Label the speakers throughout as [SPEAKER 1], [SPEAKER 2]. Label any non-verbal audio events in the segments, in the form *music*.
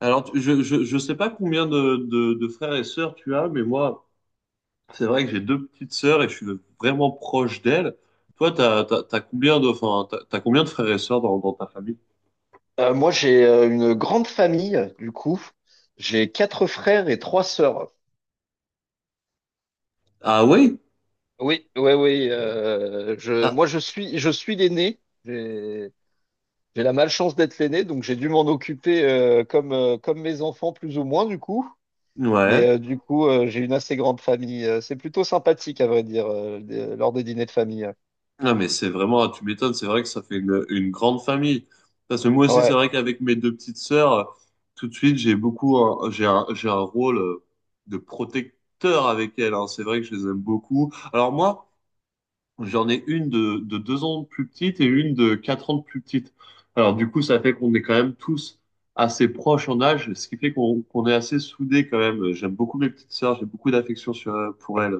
[SPEAKER 1] Alors, je sais pas combien de frères et sœurs tu as, mais moi, c'est vrai que j'ai deux petites sœurs et je suis vraiment proche d'elles. Toi, t'as combien de, enfin, t'as combien de frères et sœurs dans ta famille?
[SPEAKER 2] Moi, j'ai une grande famille, du coup. J'ai quatre frères et trois sœurs.
[SPEAKER 1] Ah oui?
[SPEAKER 2] Oui, oui, oui. euh, je,
[SPEAKER 1] Ah,
[SPEAKER 2] moi, je suis, je suis l'aîné. J'ai, j'ai la malchance d'être l'aîné, donc j'ai dû m'en occuper comme, comme mes enfants, plus ou moins, du coup. Mais
[SPEAKER 1] ouais.
[SPEAKER 2] du coup, j'ai une assez grande famille. C'est plutôt sympathique, à vrai dire, lors des dîners de famille.
[SPEAKER 1] Non, mais c'est vraiment, ah, tu m'étonnes, c'est vrai que ça fait une grande famille. Parce que moi aussi, c'est
[SPEAKER 2] Ouais.
[SPEAKER 1] vrai qu'avec mes deux petites sœurs, tout de suite, j'ai un rôle de protecteur avec elles, hein. C'est vrai que je les aime beaucoup. Alors moi, j'en ai une de deux ans de plus petite et une de quatre ans de plus petite. Alors du coup, ça fait qu'on est quand même tous assez proches en âge, ce qui fait qu'on est assez soudés quand même. J'aime beaucoup mes petites sœurs, j'ai beaucoup d'affection sur pour elles.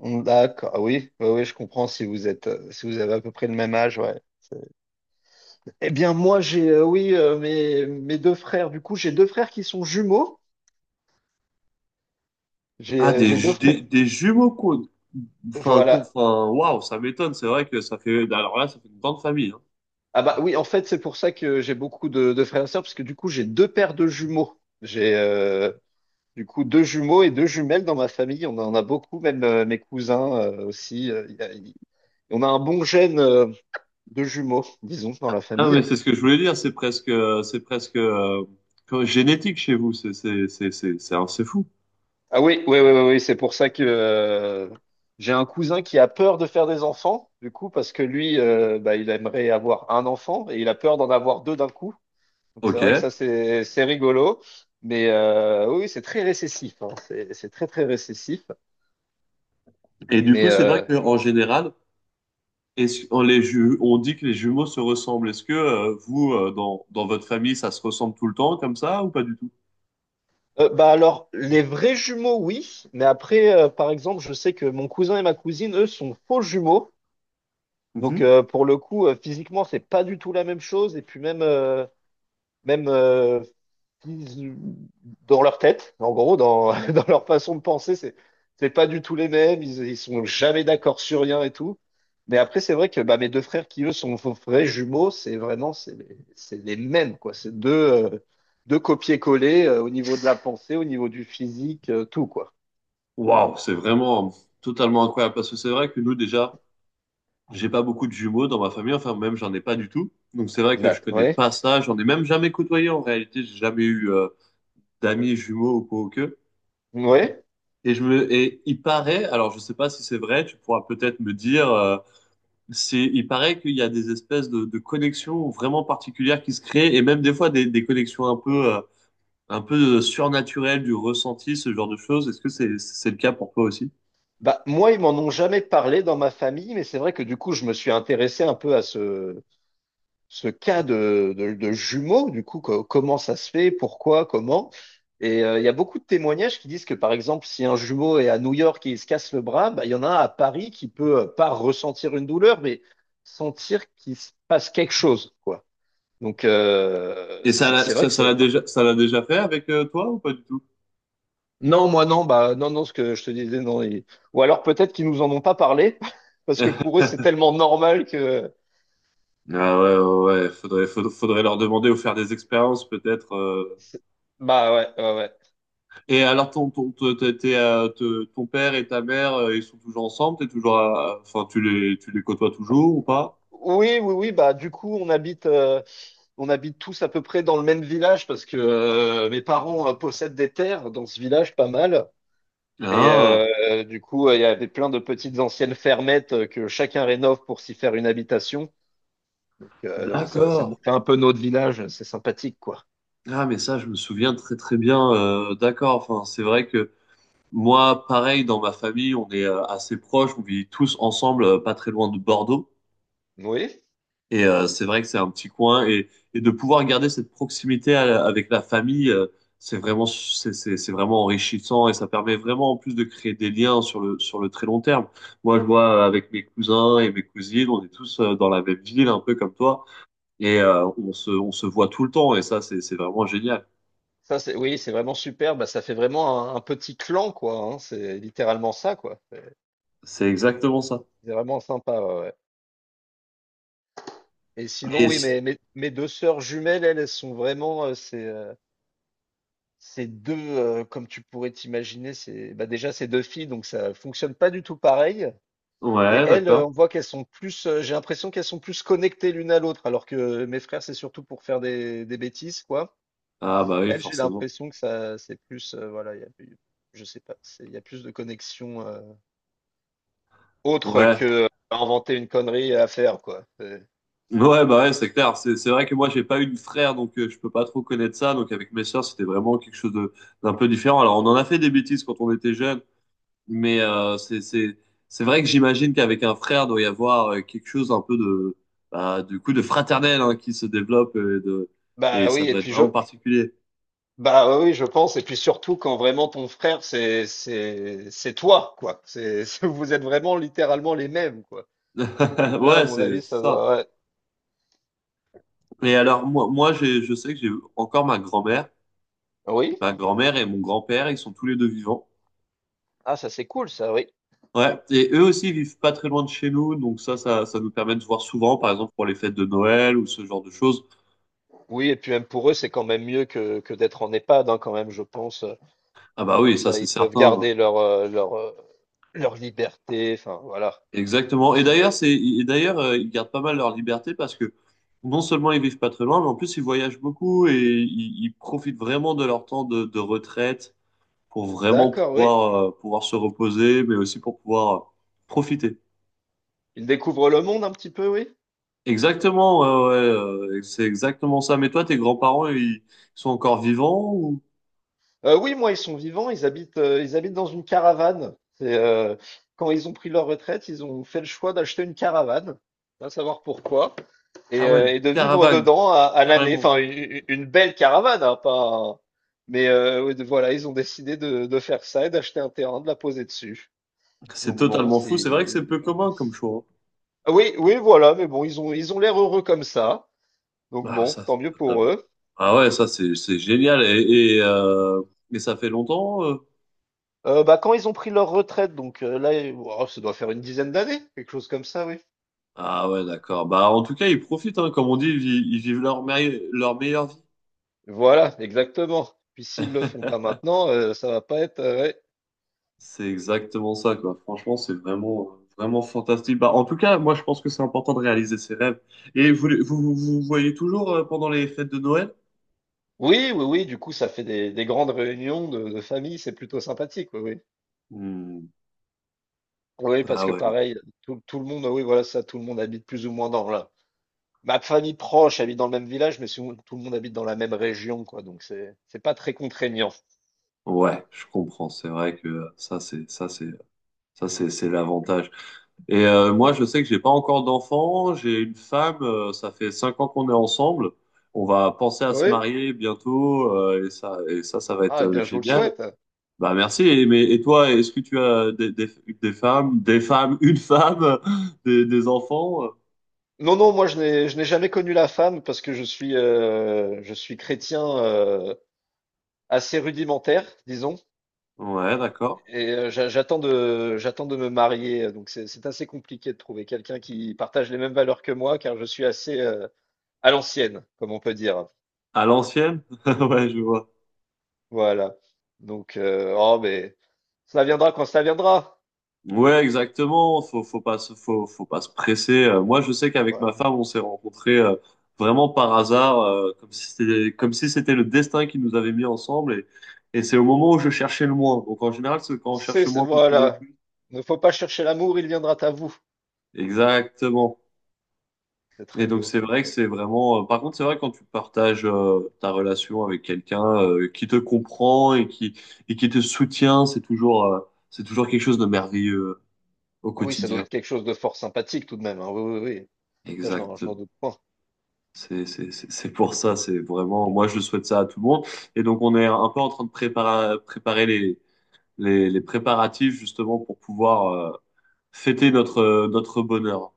[SPEAKER 2] D'accord. Ah oui, oui, oui, je comprends si vous êtes, si vous avez à peu près le même âge. Ouais. Eh bien, moi, j'ai, oui, mes deux frères. Du coup, j'ai deux frères qui sont jumeaux.
[SPEAKER 1] Ah des
[SPEAKER 2] J'ai deux
[SPEAKER 1] ju-
[SPEAKER 2] frères.
[SPEAKER 1] des jumeaux quoi. Enfin quoi,
[SPEAKER 2] Voilà.
[SPEAKER 1] enfin waouh, ça m'étonne. C'est vrai que ça fait alors là, ça fait une grande famille, hein.
[SPEAKER 2] Ah bah oui, en fait, c'est pour ça que j'ai beaucoup de frères et sœurs, parce que du coup, j'ai deux paires de jumeaux. J'ai du coup deux jumeaux et deux jumelles dans ma famille. On en a beaucoup, même mes cousins aussi. Il y a- il- On a un bon gène de jumeaux, disons, dans la
[SPEAKER 1] Ah mais
[SPEAKER 2] famille.
[SPEAKER 1] c'est ce que je voulais dire. C'est presque comme génétique chez vous. C'est fou.
[SPEAKER 2] Ah oui, oui, oui, oui, oui, c'est pour ça que j'ai un cousin qui a peur de faire des enfants, du coup, parce que lui, bah, il aimerait avoir un enfant et il a peur d'en avoir deux d'un coup. Donc c'est
[SPEAKER 1] Ok.
[SPEAKER 2] vrai que ça, c'est rigolo, mais oui, oui, c'est très récessif, hein. C'est très, très récessif.
[SPEAKER 1] Et du
[SPEAKER 2] Mais
[SPEAKER 1] coup, c'est vrai qu'en général. Est-ce, on, les ju- On dit que les jumeaux se ressemblent. Est-ce que vous, dans votre famille, ça se ressemble tout le temps comme ça ou pas du tout?
[SPEAKER 2] bah alors, les vrais jumeaux, oui, mais après, par exemple, je sais que mon cousin et ma cousine, eux, sont faux jumeaux. Donc
[SPEAKER 1] Mhm.
[SPEAKER 2] pour le coup, physiquement, c'est pas du tout la même chose. Et puis même qui- dans leur tête, en gros, dans, *laughs* dans leur façon de penser, c'est pas du tout les mêmes. Ils sont jamais d'accord sur rien et tout. Mais après, c'est vrai que bah, mes deux frères qui eux sont vrais jumeaux, c'est vraiment c'est les mêmes quoi. C'est deux deux copier-coller au niveau de la pensée, au niveau du physique, tout quoi.
[SPEAKER 1] Waouh, c'est vraiment totalement incroyable parce que c'est vrai que nous déjà, j'ai pas beaucoup de jumeaux dans ma famille, enfin même j'en ai pas du tout. Donc c'est vrai que
[SPEAKER 2] Bah,
[SPEAKER 1] je connais
[SPEAKER 2] ouais,
[SPEAKER 1] pas ça, j'en ai même jamais côtoyé en réalité, j'ai jamais eu d'amis jumeaux ou quoi que.
[SPEAKER 2] ouais.
[SPEAKER 1] Et il paraît, alors je sais pas si c'est vrai, tu pourras peut-être me dire c'est, il paraît qu'il y a des espèces de connexions vraiment particulières qui se créent et même des fois des connexions un peu surnaturelles du ressenti, ce genre de choses. Est-ce que c'est le cas pour toi aussi?
[SPEAKER 2] Bah moi, ils m'en ont jamais parlé dans ma famille, mais c'est vrai que du coup, je me suis intéressé un peu à ce cas de jumeaux, du coup, comment ça se fait, pourquoi, comment. Et il y a beaucoup de témoignages qui disent que, par exemple, si un jumeau est à New York et il se casse le bras, bah, il y en a un à Paris qui peut pas ressentir une douleur, mais sentir qu'il se passe quelque chose, quoi. Donc, euh,
[SPEAKER 1] Et ça,
[SPEAKER 2] c'est c'est vrai que c'est...
[SPEAKER 1] ça l'a déjà fait avec toi ou pas du tout?
[SPEAKER 2] Non, moi non, bah non, non, ce que je te disais, non. Ou alors peut-être qu'ils nous en ont pas parlé, *laughs* parce que pour eux,
[SPEAKER 1] *laughs*
[SPEAKER 2] c'est tellement normal que...
[SPEAKER 1] Ah ouais, ouais, ouais. Faudrait leur demander ou faire des expériences peut-être,
[SPEAKER 2] c'est- Bah ouais, ouais, ouais.
[SPEAKER 1] Et alors ton, ton père et ta mère, ils sont toujours ensemble? T'es toujours, enfin, tu les côtoies toujours ou pas?
[SPEAKER 2] Oui, oui, oui, bah du coup, on on habite tous à peu près dans le même village parce que mes parents possèdent des terres dans ce village pas mal. Et
[SPEAKER 1] Ah,
[SPEAKER 2] du coup, il y avait plein de petites anciennes fermettes que chacun rénove pour s'y faire une habitation. Donc non, ça
[SPEAKER 1] d'accord.
[SPEAKER 2] nous fait un peu notre village, c'est sympathique quoi.
[SPEAKER 1] Ah, mais ça, je me souviens très très bien, d'accord. Enfin, c'est vrai que moi, pareil, dans ma famille, on est assez proches. On vit tous ensemble, pas très loin de Bordeaux.
[SPEAKER 2] Oui,
[SPEAKER 1] Et c'est vrai que c'est un petit coin. Et de pouvoir garder cette proximité à avec la famille, c'est vraiment, c'est vraiment enrichissant. Et ça permet vraiment, en plus, de créer des liens sur le très long terme. Moi, je vois avec mes cousins et mes cousines, on est tous dans la même ville, un peu comme toi. Et on se voit tout le temps. Et ça, c'est vraiment génial.
[SPEAKER 2] c'est vraiment super. Bah, ça fait vraiment un petit clan quoi, hein. C'est littéralement ça quoi.
[SPEAKER 1] C'est exactement ça.
[SPEAKER 2] C'est vraiment sympa. Ouais, ouais. Et sinon,
[SPEAKER 1] Et
[SPEAKER 2] oui,
[SPEAKER 1] c-
[SPEAKER 2] mes deux sœurs jumelles, elles sont vraiment, c'est ces 2, comme tu pourrais t'imaginer, c'est bah, déjà, c'est 2 filles, donc ça fonctionne pas du tout pareil. Mais
[SPEAKER 1] ouais,
[SPEAKER 2] elles,
[SPEAKER 1] d'accord.
[SPEAKER 2] on voit qu'elles sont j'ai l'impression qu'elles sont plus connectées l'une à l'autre, alors que mes frères, c'est surtout pour faire des bêtises, quoi.
[SPEAKER 1] Ah bah oui,
[SPEAKER 2] Elles, j'ai
[SPEAKER 1] forcément.
[SPEAKER 2] l'impression que ça c'est voilà, il y a plus, je sais pas, c'est il y a plus de connexion, autre
[SPEAKER 1] Ouais.
[SPEAKER 2] que inventer une connerie à faire, quoi.
[SPEAKER 1] Ouais, bah ouais, c'est clair. C'est vrai que moi, j'ai pas eu de frère, donc je peux pas trop connaître ça. Donc avec mes sœurs, c'était vraiment quelque chose de d'un peu différent. Alors on en a fait des bêtises quand on était jeunes, mais c'est c'est vrai que j'imagine qu'avec un frère, doit y avoir quelque chose un peu de bah, du coup de fraternel hein, qui se développe et de et ça
[SPEAKER 2] Oui et
[SPEAKER 1] doit être
[SPEAKER 2] puis je
[SPEAKER 1] vraiment particulier.
[SPEAKER 2] bah ouais, oui, je pense. Et puis surtout quand vraiment ton frère, c'est c'est toi, quoi. C'est *laughs* vous êtes vraiment littéralement les mêmes, quoi. Donc
[SPEAKER 1] *laughs*
[SPEAKER 2] là, à
[SPEAKER 1] Ouais,
[SPEAKER 2] mon avis,
[SPEAKER 1] c'est
[SPEAKER 2] ça
[SPEAKER 1] ça.
[SPEAKER 2] devrait-
[SPEAKER 1] Et alors moi, moi, je sais que j'ai encore ma grand-mère.
[SPEAKER 2] Oui.
[SPEAKER 1] Ma grand-mère et mon grand-père, ils sont tous les deux vivants.
[SPEAKER 2] Ah, ça c'est cool, ça, oui.
[SPEAKER 1] Ouais, et eux aussi ils vivent pas très loin de chez nous, donc ça, ça nous permet de se voir souvent, par exemple pour les fêtes de Noël ou ce genre de choses.
[SPEAKER 2] Oui, et puis même pour eux, c'est quand même mieux que d'être en EHPAD, hein, quand même, je pense.
[SPEAKER 1] Ah bah
[SPEAKER 2] Comme
[SPEAKER 1] oui, ça
[SPEAKER 2] ça,
[SPEAKER 1] c'est
[SPEAKER 2] ils peuvent
[SPEAKER 1] certain.
[SPEAKER 2] garder leur leur liberté. Enfin, voilà. Parce
[SPEAKER 1] Exactement.
[SPEAKER 2] que
[SPEAKER 1] Et
[SPEAKER 2] c'est vrai.
[SPEAKER 1] d'ailleurs,
[SPEAKER 2] Que-
[SPEAKER 1] c'est, ils gardent pas mal leur liberté parce que non seulement ils vivent pas très loin, mais en plus ils voyagent beaucoup et ils profitent vraiment de leur temps de retraite pour vraiment
[SPEAKER 2] D'accord, oui.
[SPEAKER 1] pouvoir, pouvoir se reposer, mais aussi pour pouvoir profiter.
[SPEAKER 2] Ils découvrent le monde un petit peu, oui.
[SPEAKER 1] Exactement, ouais, ouais, c'est exactement ça. Mais toi, tes grands-parents, ils sont encore vivants ou...
[SPEAKER 2] Oui, moi, ils sont vivants, ils habitent dans une caravane. C'est, quand ils ont pris leur retraite, ils ont fait le choix d'acheter une caravane, va savoir pourquoi et
[SPEAKER 1] Ah ouais,
[SPEAKER 2] heu
[SPEAKER 1] une
[SPEAKER 2] et de vivre
[SPEAKER 1] caravane,
[SPEAKER 2] dedans à l'année.
[SPEAKER 1] carrément.
[SPEAKER 2] Enfin, u Une belle caravane, hein, pas un mais oui, de voilà, ils ont décidé de faire ça et d'acheter un terrain, de la poser dessus.
[SPEAKER 1] C'est
[SPEAKER 2] Donc bon,
[SPEAKER 1] totalement fou. C'est vrai que c'est
[SPEAKER 2] c'est
[SPEAKER 1] peu commun comme choix,
[SPEAKER 2] Ah oui, oui, voilà, mais bon, ils ont l'air heureux comme ça,
[SPEAKER 1] hein.
[SPEAKER 2] donc
[SPEAKER 1] Ah,
[SPEAKER 2] bon,
[SPEAKER 1] ça, c'est
[SPEAKER 2] tant mieux pour
[SPEAKER 1] totalement.
[SPEAKER 2] eux.
[SPEAKER 1] Ah ouais, ça, c'est génial. Et ça fait longtemps,
[SPEAKER 2] Bah, quand ils ont pris leur retraite, donc oh, ça doit faire une dizaine d'années, quelque chose comme ça, oui.
[SPEAKER 1] Ah ouais, d'accord. Bah, en tout cas, ils profitent, hein. Comme on dit, ils, ils vivent leur, leur meilleure vie.
[SPEAKER 2] Voilà, exactement. Puis s'ils le font pas
[SPEAKER 1] *laughs*
[SPEAKER 2] maintenant, ça va pas être. Ouais.
[SPEAKER 1] C'est exactement ça, quoi. Franchement, c'est vraiment, vraiment fantastique. Bah, en tout cas, moi, je pense que c'est important de réaliser ses rêves. Et vous, vous voyez toujours pendant les fêtes de Noël?
[SPEAKER 2] Oui, oui, oui. Du coup, ça fait des grandes réunions de famille. C'est plutôt sympathique. Oui, oui.
[SPEAKER 1] Hmm.
[SPEAKER 2] Oui, parce
[SPEAKER 1] Ah
[SPEAKER 2] que
[SPEAKER 1] ouais,
[SPEAKER 2] pareil, tout le monde. Oui, voilà, ça. Tout le monde habite plus ou moins dans la. Ma famille proche habite dans le même village, mais sinon, tout le monde habite dans la même région, quoi. Donc c'est pas très contraignant.
[SPEAKER 1] ouais, je comprends. C'est vrai que ça, c'est, ça, c'est, ça, c'est l'avantage. Et moi, je sais que j'ai pas encore d'enfant. J'ai une femme, ça fait cinq ans qu'on est ensemble. On va penser à se
[SPEAKER 2] Oui.
[SPEAKER 1] marier bientôt, et ça, ça va être
[SPEAKER 2] Ah, eh bien, je vous le
[SPEAKER 1] génial.
[SPEAKER 2] souhaite.
[SPEAKER 1] Bah merci. Et, mais, et toi, est-ce que tu as des, des femmes, une femme, *laughs* des enfants?
[SPEAKER 2] Non, non, moi je n'ai jamais connu la femme parce que je suis chrétien assez rudimentaire, disons.
[SPEAKER 1] Ouais, d'accord.
[SPEAKER 2] Et j'attends de me marier, donc c'est assez compliqué de trouver quelqu'un qui partage les mêmes valeurs que moi, car je suis assez à l'ancienne, comme on peut dire.
[SPEAKER 1] À l'ancienne? *laughs* Ouais, je vois.
[SPEAKER 2] Voilà. Donc, oh, mais ça viendra quand ça viendra.
[SPEAKER 1] Ouais, exactement. Faut pas se presser. Moi, je sais qu'avec ma
[SPEAKER 2] Voilà.
[SPEAKER 1] femme, on s'est rencontrés vraiment par hasard, comme si c'était le destin qui nous avait mis ensemble. Et c'est au moment où je cherchais le moins. Donc en général, c'est quand on cherche le moins qu'on trouve le
[SPEAKER 2] Voilà.
[SPEAKER 1] plus.
[SPEAKER 2] Ne faut pas chercher l'amour, il viendra à vous.
[SPEAKER 1] Exactement.
[SPEAKER 2] C'est
[SPEAKER 1] Et
[SPEAKER 2] très
[SPEAKER 1] donc
[SPEAKER 2] beau.
[SPEAKER 1] c'est vrai que c'est vraiment, par contre, c'est vrai quand tu partages ta relation avec quelqu'un qui te comprend et qui te soutient, c'est toujours quelque chose de merveilleux au
[SPEAKER 2] Oui, ça doit
[SPEAKER 1] quotidien.
[SPEAKER 2] être quelque chose de fort sympathique tout de même, hein. Oui, oui, oui. Ça,
[SPEAKER 1] Exact.
[SPEAKER 2] je n'en doute pas.
[SPEAKER 1] C'est pour ça. C'est vraiment. Moi, je souhaite ça à tout le monde. Et donc on est un peu en train de préparer les les préparatifs justement pour pouvoir fêter notre notre bonheur.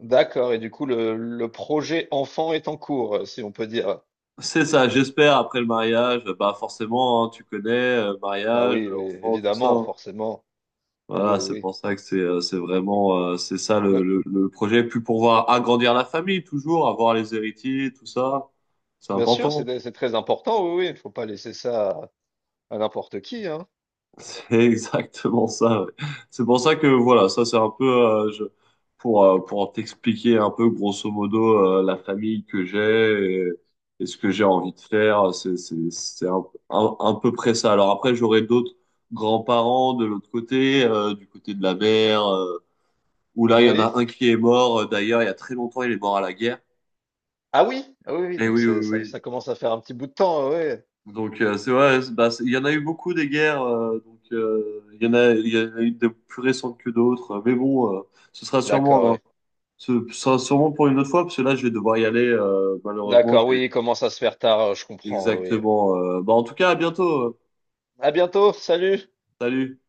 [SPEAKER 2] D'accord. Et du coup, le projet enfant est en cours, si on peut dire.
[SPEAKER 1] C'est ça, j'espère, après le mariage, bah forcément, hein, tu connais,
[SPEAKER 2] Ah
[SPEAKER 1] mariage,
[SPEAKER 2] oui, oui,
[SPEAKER 1] enfant, tout ça,
[SPEAKER 2] évidemment,
[SPEAKER 1] hein.
[SPEAKER 2] forcément. Oui,
[SPEAKER 1] Voilà,
[SPEAKER 2] oui,
[SPEAKER 1] c'est
[SPEAKER 2] oui.
[SPEAKER 1] pour ça que c'est vraiment c'est ça le,
[SPEAKER 2] Le-
[SPEAKER 1] le projet. Puis pour voir agrandir la famille, toujours avoir les héritiers, tout ça, c'est
[SPEAKER 2] Bien sûr,
[SPEAKER 1] important.
[SPEAKER 2] c'est très important, oui, oui, il ne faut pas laisser ça à n'importe qui, hein.
[SPEAKER 1] C'est *laughs* exactement ça, ouais. C'est pour ça que voilà, ça c'est un peu je, pour t'expliquer un peu grosso modo la famille que j'ai et ce que j'ai envie de faire. C'est un, un peu près ça. Alors après j'aurai d'autres grands-parents de l'autre côté, du côté de la mère, où là, il y en a
[SPEAKER 2] Oui.
[SPEAKER 1] un qui est mort, d'ailleurs, il y a très longtemps, il est mort à la guerre.
[SPEAKER 2] Ah oui, ah oui, oui,
[SPEAKER 1] Et oui, oui,
[SPEAKER 2] ça,
[SPEAKER 1] oui.
[SPEAKER 2] ça commence à faire un petit bout de temps, oui.
[SPEAKER 1] Donc, c'est vrai, bah, il y en a eu beaucoup des guerres, donc, il y en a, il y en a eu des plus récentes que d'autres. Mais bon, ce sera
[SPEAKER 2] D'accord,
[SPEAKER 1] sûrement, hein,
[SPEAKER 2] oui.
[SPEAKER 1] ce sera sûrement pour une autre fois, parce que là, je vais devoir y aller, malheureusement,
[SPEAKER 2] D'accord, oui, il commence à se faire tard, je comprends, oui.
[SPEAKER 1] exactement, bah, en tout cas, à bientôt,
[SPEAKER 2] À bientôt, salut!
[SPEAKER 1] Salut.